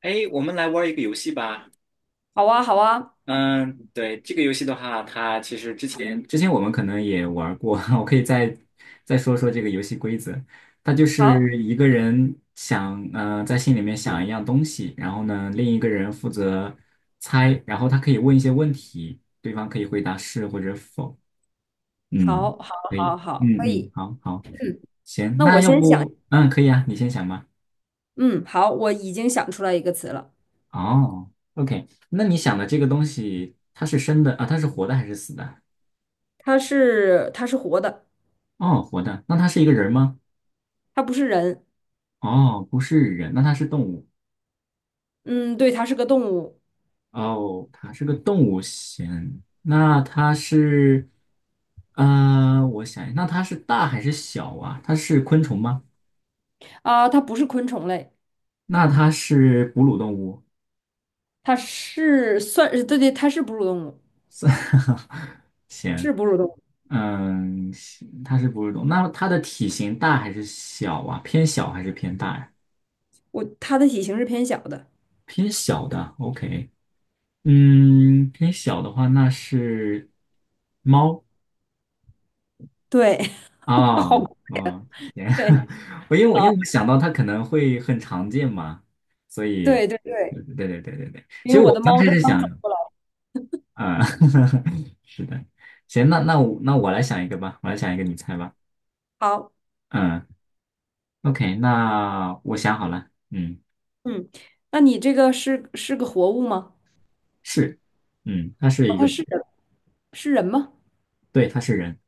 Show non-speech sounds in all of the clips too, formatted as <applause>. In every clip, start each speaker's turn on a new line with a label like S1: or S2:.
S1: 哎，我们来玩一个游戏吧。
S2: 好啊，好啊，
S1: 嗯，对，这个游戏的话，它其实之前我们可能也玩过，<laughs> 我可以再说说这个游戏规则。它就
S2: 好，
S1: 是一个人想在心里面想一样东西，然后呢另一个人负责猜，然后他可以问一些问题，对方可以回答是或者否。嗯，
S2: 好，好，
S1: 可
S2: 好，
S1: 以。
S2: 好，
S1: 嗯
S2: 可
S1: 嗯，
S2: 以。
S1: 好好，
S2: 嗯，
S1: 行，
S2: 那
S1: 那
S2: 我
S1: 要
S2: 先想，
S1: 不可以啊，你先想吧。
S2: 嗯，好，我已经想出来一个词了，
S1: 哦，OK，那你想的这个东西，它是生的啊？它是活的还是死的？
S2: 它是活的，
S1: 哦，活的。那它是一个人吗？
S2: 它不是人，
S1: 哦，不是人，那它是动物。
S2: 嗯，对，它是个动物
S1: 哦，它是个动物先。那它是，我想一下那它是大还是小啊？它是昆虫吗？
S2: 啊，它不是昆虫类，
S1: 那它是哺乳动物。
S2: 它是算，呃对对，它是哺乳动物，
S1: 算 <laughs> 行，
S2: 是哺乳动物，
S1: 行它是哺乳动物。那它的体型大还是小啊？偏小还是偏大呀？
S2: 它的体型是偏小的，
S1: 偏小的，OK。偏小的话，那是猫
S2: 对，<laughs>
S1: 啊
S2: 好，
S1: 啊，行，
S2: 对，
S1: <laughs> 我因为我因为
S2: 好，
S1: 我想到它可能会很常见嘛，所以，
S2: 对对对，
S1: 对对对对对，其
S2: 因
S1: 实
S2: 为我
S1: 我
S2: 的
S1: 刚
S2: 猫
S1: 开
S2: 正
S1: 始
S2: 好走
S1: 想，
S2: 过来，
S1: 啊、<laughs> 是的，行，那我来想一个吧，我来想一个，你猜吧，
S2: 好，
S1: 嗯，OK，那我想好了，嗯，
S2: 嗯，那你这个是个活物吗？
S1: 是，嗯，他是
S2: 啊
S1: 一个，
S2: 它是人，是人吗？
S1: 对，他是人，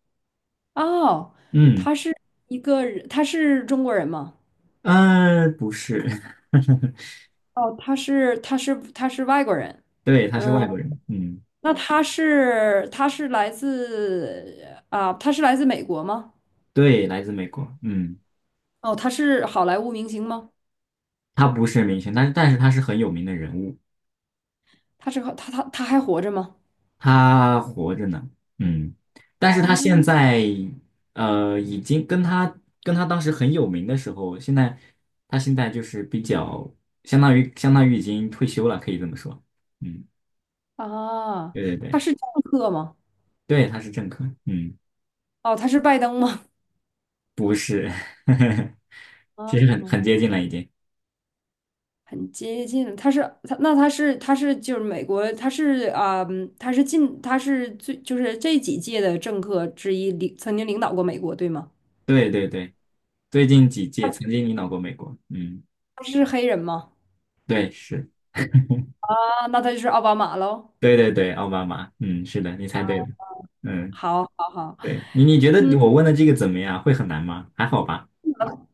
S2: 哦，
S1: 嗯，
S2: 他是一个人，他是中国人吗？
S1: 不是，
S2: 哦，他是外国人。
S1: <laughs> 对，他是外
S2: 嗯，
S1: 国人，嗯，
S2: 那他是来自，他是来自美国吗？
S1: 对，来自美国，嗯。
S2: 哦，他是好莱坞明星吗？
S1: 他不是明星，但是他是很有名的人物，
S2: 他是他他他还活着吗？
S1: 他活着呢，嗯，但
S2: 啊
S1: 是他现在已经跟他当时很有名的时候，现在他现在就是比较相当于已经退休了，可以这么说，嗯，
S2: 啊，
S1: 对对对
S2: 他是政客吗？
S1: 对，他是政客，嗯，
S2: 哦，他是拜登吗？
S1: 不是，<laughs> 其实很
S2: 啊
S1: 接近了已经，
S2: 很接近，他就是美国，他是他是近他是最就是这几届的政客之一，曾经领导过美国，对吗？
S1: 对对对，最近几届曾经领导过美国，嗯，
S2: 他是黑人吗？
S1: 对是，
S2: 啊，那他就是奥巴马喽。
S1: 对对对，奥巴马，嗯，是的，你猜对了，嗯。
S2: 好，好，好，
S1: 对你觉得我问的这个怎么样？会很难吗？还好吧。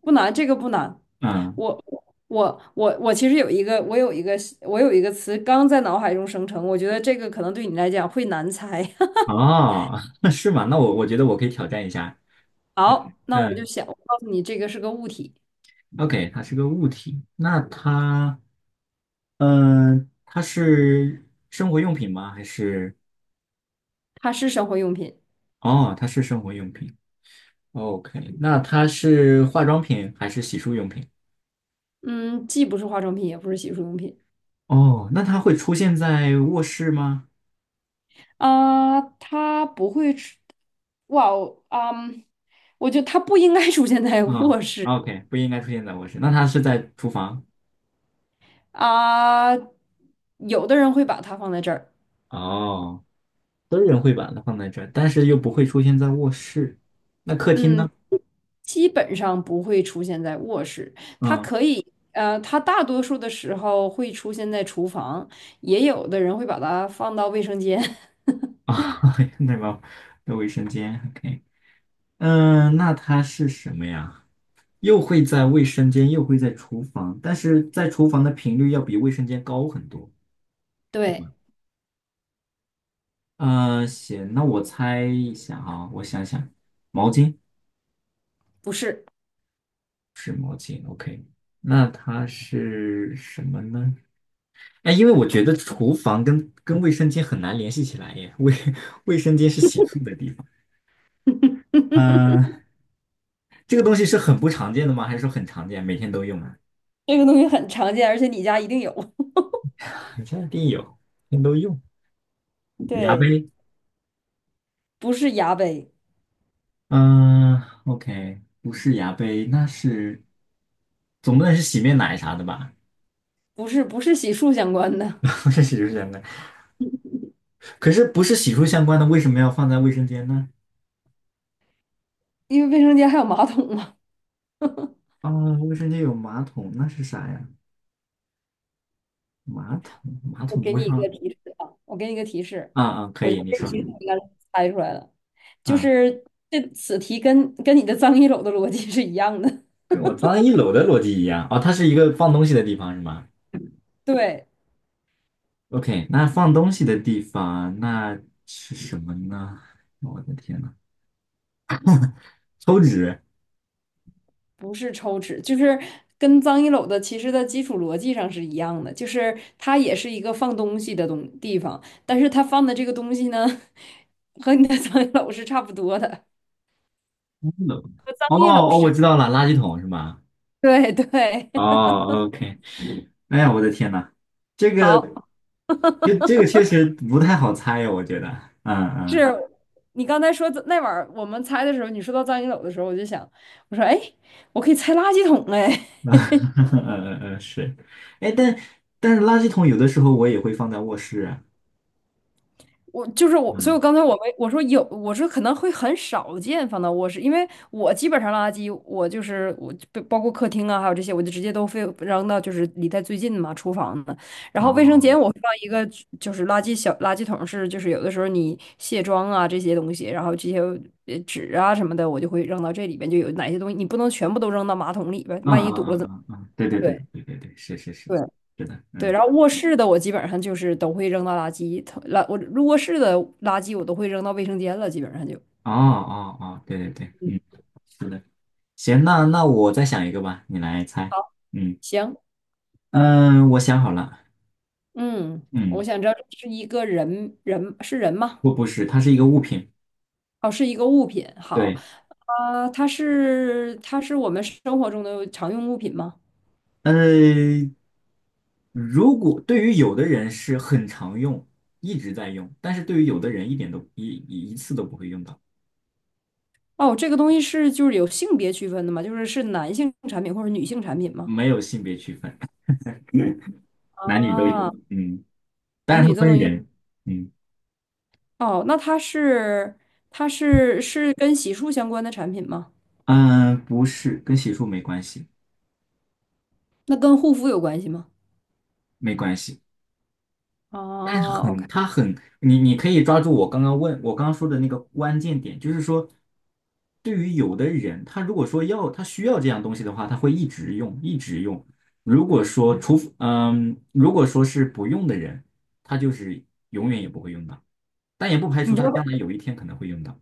S2: 不难，这个不难。
S1: 嗯，
S2: 我我其实有一个我有一个词刚在脑海中生成，我觉得这个可能对你来讲会难猜。<laughs>
S1: 哦，<laughs> 是吗？那我觉得我可以挑战一下。
S2: 好，那我就
S1: 嗯
S2: 想，我告诉你，这个是个物体，
S1: ，OK，它是个物体，那它是生活用品吗？还是
S2: 它是生活用品，
S1: 哦，它是生活用品。OK，那它是化妆品还是洗漱用品？
S2: 嗯，既不是化妆品，也不是洗漱用品。
S1: 哦，那它会出现在卧室吗？
S2: 啊，它不会出，哇哦，啊！我觉得它不应该出现在
S1: 啊、
S2: 卧室
S1: o k 不应该出现在卧室。那它是在厨房？
S2: 啊。有的人会把它放在这儿，
S1: 哦。私人会把它放在这儿，但是又不会出现在卧室。那客厅
S2: 嗯，
S1: 呢？
S2: 基本上不会出现在卧室。它
S1: 嗯
S2: 可以，呃，它大多数的时候会出现在厨房，也有的人会把它放到卫生间。
S1: 啊，<laughs> 那个那卫生间，OK，嗯，那它是什么呀？又会在卫生间，又会在厨房，但是在厨房的频率要比卫生间高很多。
S2: <laughs> 对，
S1: 啊，行，那我猜一下啊，我想想，毛巾
S2: 不是，
S1: 是毛巾，OK，那它是什么呢？哎，因为我觉得厨房跟卫生间很难联系起来耶，<laughs> 卫生间是洗漱的地方。
S2: <laughs>
S1: 嗯、这个东西是很不常见的吗？还是说很常见，每天都用啊？
S2: 这个东西很常见，而且你家一定有。
S1: 肯定有，每天都用。牙
S2: 对，
S1: 杯，
S2: 不是牙杯，
S1: 嗯、o k 不是牙杯，那是总不能是洗面奶啥的吧？
S2: 不是不是洗漱相关的，
S1: <laughs> 不是洗漱相关，可是不是洗漱相关的，为什么要放在卫生间呢？
S2: 因为卫生间还有马桶嘛。
S1: 啊、卫生间有马桶，那是啥呀？马桶，马
S2: 我
S1: 桶不
S2: 给你
S1: 会
S2: 一
S1: 放
S2: 个提示啊，我给你一个提示，
S1: 啊啊，可
S2: 我觉
S1: 以，
S2: 得
S1: 你
S2: 这
S1: 说
S2: 提示你应该猜出来了，就
S1: 啊，
S2: 是这此题跟你的脏衣篓的逻辑是一样的，
S1: 跟我脏一楼的逻辑一样哦，它是一个放东西的地方是吗？
S2: <laughs> 对，
S1: OK，那放东西的地方那是什么呢？我的天呐，抽纸。
S2: 不是抽纸，就是跟脏衣篓的其实的基础逻辑上是一样的，就是它也是一个放东西的东地方，但是它放的这个东西呢，和你的 <laughs> 脏衣篓是差不多的，
S1: 嗯
S2: 脏
S1: 哦
S2: 衣篓
S1: 哦，
S2: 是
S1: 我
S2: 差，
S1: 知道了，垃圾桶是吗？
S2: 对对，<laughs>
S1: 哦，OK。哎呀，我的天呐，这个
S2: 好。
S1: 这个确实不太好猜呀，我觉得。嗯嗯
S2: 是你刚才说那晚儿我们猜的时候，你说到藏经斗的时候，我就想，我说哎，我可以猜垃圾桶哎，
S1: <laughs> 嗯嗯嗯，是。哎，但是垃圾桶有的时候我也会放在卧室啊
S2: 我就是我，所以我
S1: 嗯，
S2: 刚才我没我说有，我说可能会很少见放到卧室，因为我基本上垃圾，我就包括客厅啊，还有这些，我就直接都非扔到就是离它最近嘛厨房的。然后卫生
S1: 哦，
S2: 间我会放一个就是垃圾小垃圾桶是，就是有的时候你卸妆啊这些东西，然后这些纸啊什么的，我就会扔到这里边，就有哪些东西你不能全部都扔到马桶里边，
S1: 嗯
S2: 万一堵
S1: 嗯
S2: 了怎么？
S1: 嗯嗯嗯，对对对
S2: 对。
S1: 对对对，是是是，
S2: 对
S1: 是的，
S2: 对，
S1: 嗯，
S2: 然后卧室的我基本上就是都会扔到垃圾桶，我入卧室的垃圾我都会扔到卫生间了，基本上就
S1: 哦哦哦，对对对，嗯。是的。行，那我再想一个吧，你来猜。嗯
S2: 行。
S1: 嗯，我想好了。
S2: 嗯，我
S1: 嗯，
S2: 想知道这是一个人是人吗？
S1: 不是，它是一个物品。
S2: 哦，是一个物品。好，
S1: 对，
S2: 它是我们生活中的常用物品吗？
S1: 呃，如果对于有的人是很常用，一直在用，但是对于有的人一点都一次都不会用到，
S2: 哦，这个东西是就是有性别区分的吗？就是是男性产品或者女性产品吗？
S1: 没有性别区分，男女都有。
S2: 啊，
S1: 嗯，但
S2: 男
S1: 是
S2: 女
S1: 它
S2: 都
S1: 分
S2: 能用。
S1: 人。嗯
S2: 哦，那它是跟洗漱相关的产品吗？
S1: 嗯，不是，跟洗漱没关系，
S2: 那跟护肤有关系吗？
S1: 没关系。但是
S2: 哦，OK,
S1: 它很，你可以抓住我刚刚说的那个关键点，就是说，对于有的人，他如果说要他需要这样东西的话，他会一直用，一直用。如果说是不用的人，他就是永远也不会用到，但也不排
S2: 你
S1: 除
S2: 知
S1: 他将
S2: 道
S1: 来有一天可能会用到。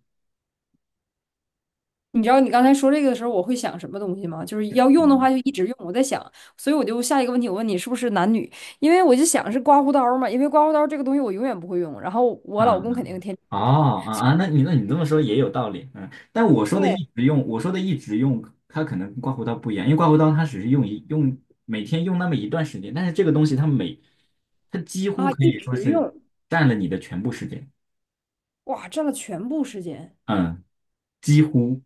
S2: 你知道你刚才说这个的时候，我会想什么东西吗？就是要用的
S1: 嗯
S2: 话就一直用。我在想，所以我就下一个问题，我问你是不是男女？因为我就想是刮胡刀儿嘛，因为刮胡刀儿这个东西我永远不会用，然后我老
S1: 啊。
S2: 公肯定天
S1: 哦啊啊，那你这么说也有道理，嗯，但我说的
S2: 对
S1: 一直用，我说的一直用，它可能跟刮胡刀不一样，因为刮胡刀它只是用一用每天用那么一段时间，但是这个东西它几乎
S2: 啊
S1: 可
S2: 一
S1: 以说
S2: 直
S1: 是
S2: 用，
S1: 占了你的全部时间，
S2: 哇，占了全部时间。
S1: 嗯，几乎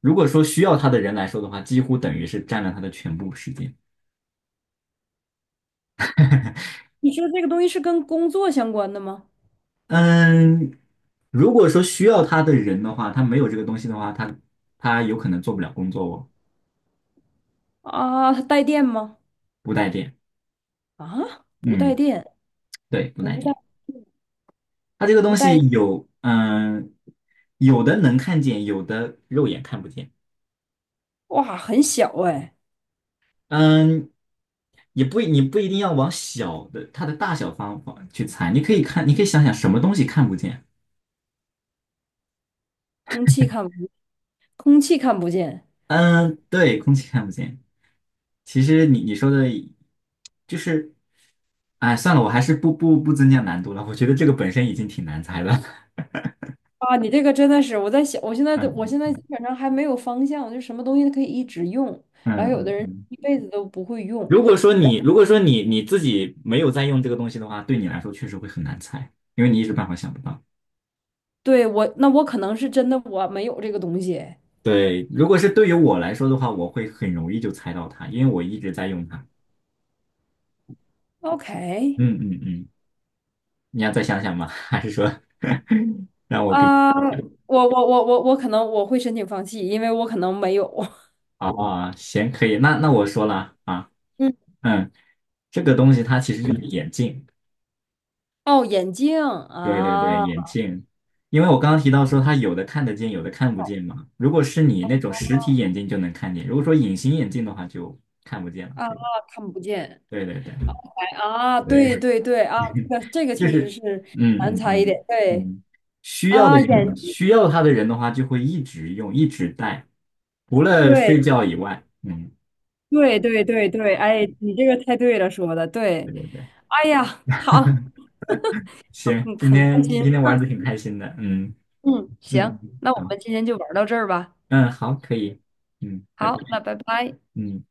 S1: 如果说需要它的人来说的话，几乎等于是占了它的全部时间，
S2: 你说这个东西是跟工作相关的吗？
S1: 嗯，如果说需要它的人的话，他没有这个东西的话，他有可能做不了工作哦，
S2: 啊，它带电吗？
S1: 不带电，
S2: 啊，不
S1: 嗯，
S2: 带电，
S1: 对，不带
S2: 不带
S1: 电。它这个
S2: 不
S1: 东
S2: 带，
S1: 西有的能看见，有的肉眼看不见。
S2: 哇，很小哎，
S1: 嗯，也不你不一定要往小的它的大小方方去猜，你可以看，你可以想想什么东西看不见。
S2: 空气看不，空气看不见。
S1: 嗯，对，空气看不见。其实你说的，就是，哎，算了，我还是不增加难度了。我觉得这个本身已经挺难猜了。
S2: 啊，你这个真的是，我在想，
S1: <laughs>
S2: 我
S1: 嗯
S2: 现在基本上还没有方向，我就什么东西都可以一直用，
S1: 嗯
S2: 然后有的
S1: 嗯
S2: 人
S1: 嗯。
S2: 一辈子都不会用。
S1: 如果说你自己没有在用这个东西的话，对你来说确实会很难猜，因为你一时半会儿想不到。
S2: 对，我，那我可能是真的我没有这个东西。
S1: 对，如果是对于我来说的话，我会很容易就猜到它，因为我一直在用它。
S2: OK,
S1: 嗯嗯嗯，你要再想想吗？<laughs> 还是说 <laughs> 让我给你
S2: 啊，
S1: 揭
S2: 我我可能我会申请放弃，因为我可能没有。<laughs>
S1: 晓啊？行，可以，那我说了啊，
S2: 嗯，
S1: 嗯，这个东西它其实就是眼镜，
S2: 哦，眼镜
S1: 对对对，
S2: 啊
S1: 眼镜，因为我刚刚提到说它有的看得见，有的看不见嘛。如果是你那种实体眼镜就能看见，如果说隐形眼镜的话就看不见了。
S2: 啊，
S1: 对
S2: 看不见。
S1: 对对对
S2: 哎啊，对
S1: 对。
S2: 对对啊，这个
S1: 就
S2: 确实
S1: 是
S2: 是
S1: 嗯
S2: 难
S1: 嗯
S2: 猜一点。
S1: 嗯
S2: 对
S1: 嗯，需要的
S2: 啊，
S1: 人需要他的人的话，就会一直用，一直带，除了
S2: 对。
S1: 睡觉以外。嗯，
S2: 对对对对，哎，你这个太对了，说的
S1: 对
S2: 对。
S1: 对对，
S2: 哎呀，好，好
S1: 行，
S2: 嗯，
S1: 今
S2: 很开
S1: 天
S2: 心。
S1: 今天玩的挺
S2: 嗯
S1: 开心的。嗯
S2: 嗯，
S1: 嗯，
S2: 行，那我
S1: 好，
S2: 们今天就玩到这儿吧。
S1: 嗯好，可以，嗯，拜拜，
S2: 好，那拜拜。
S1: 嗯。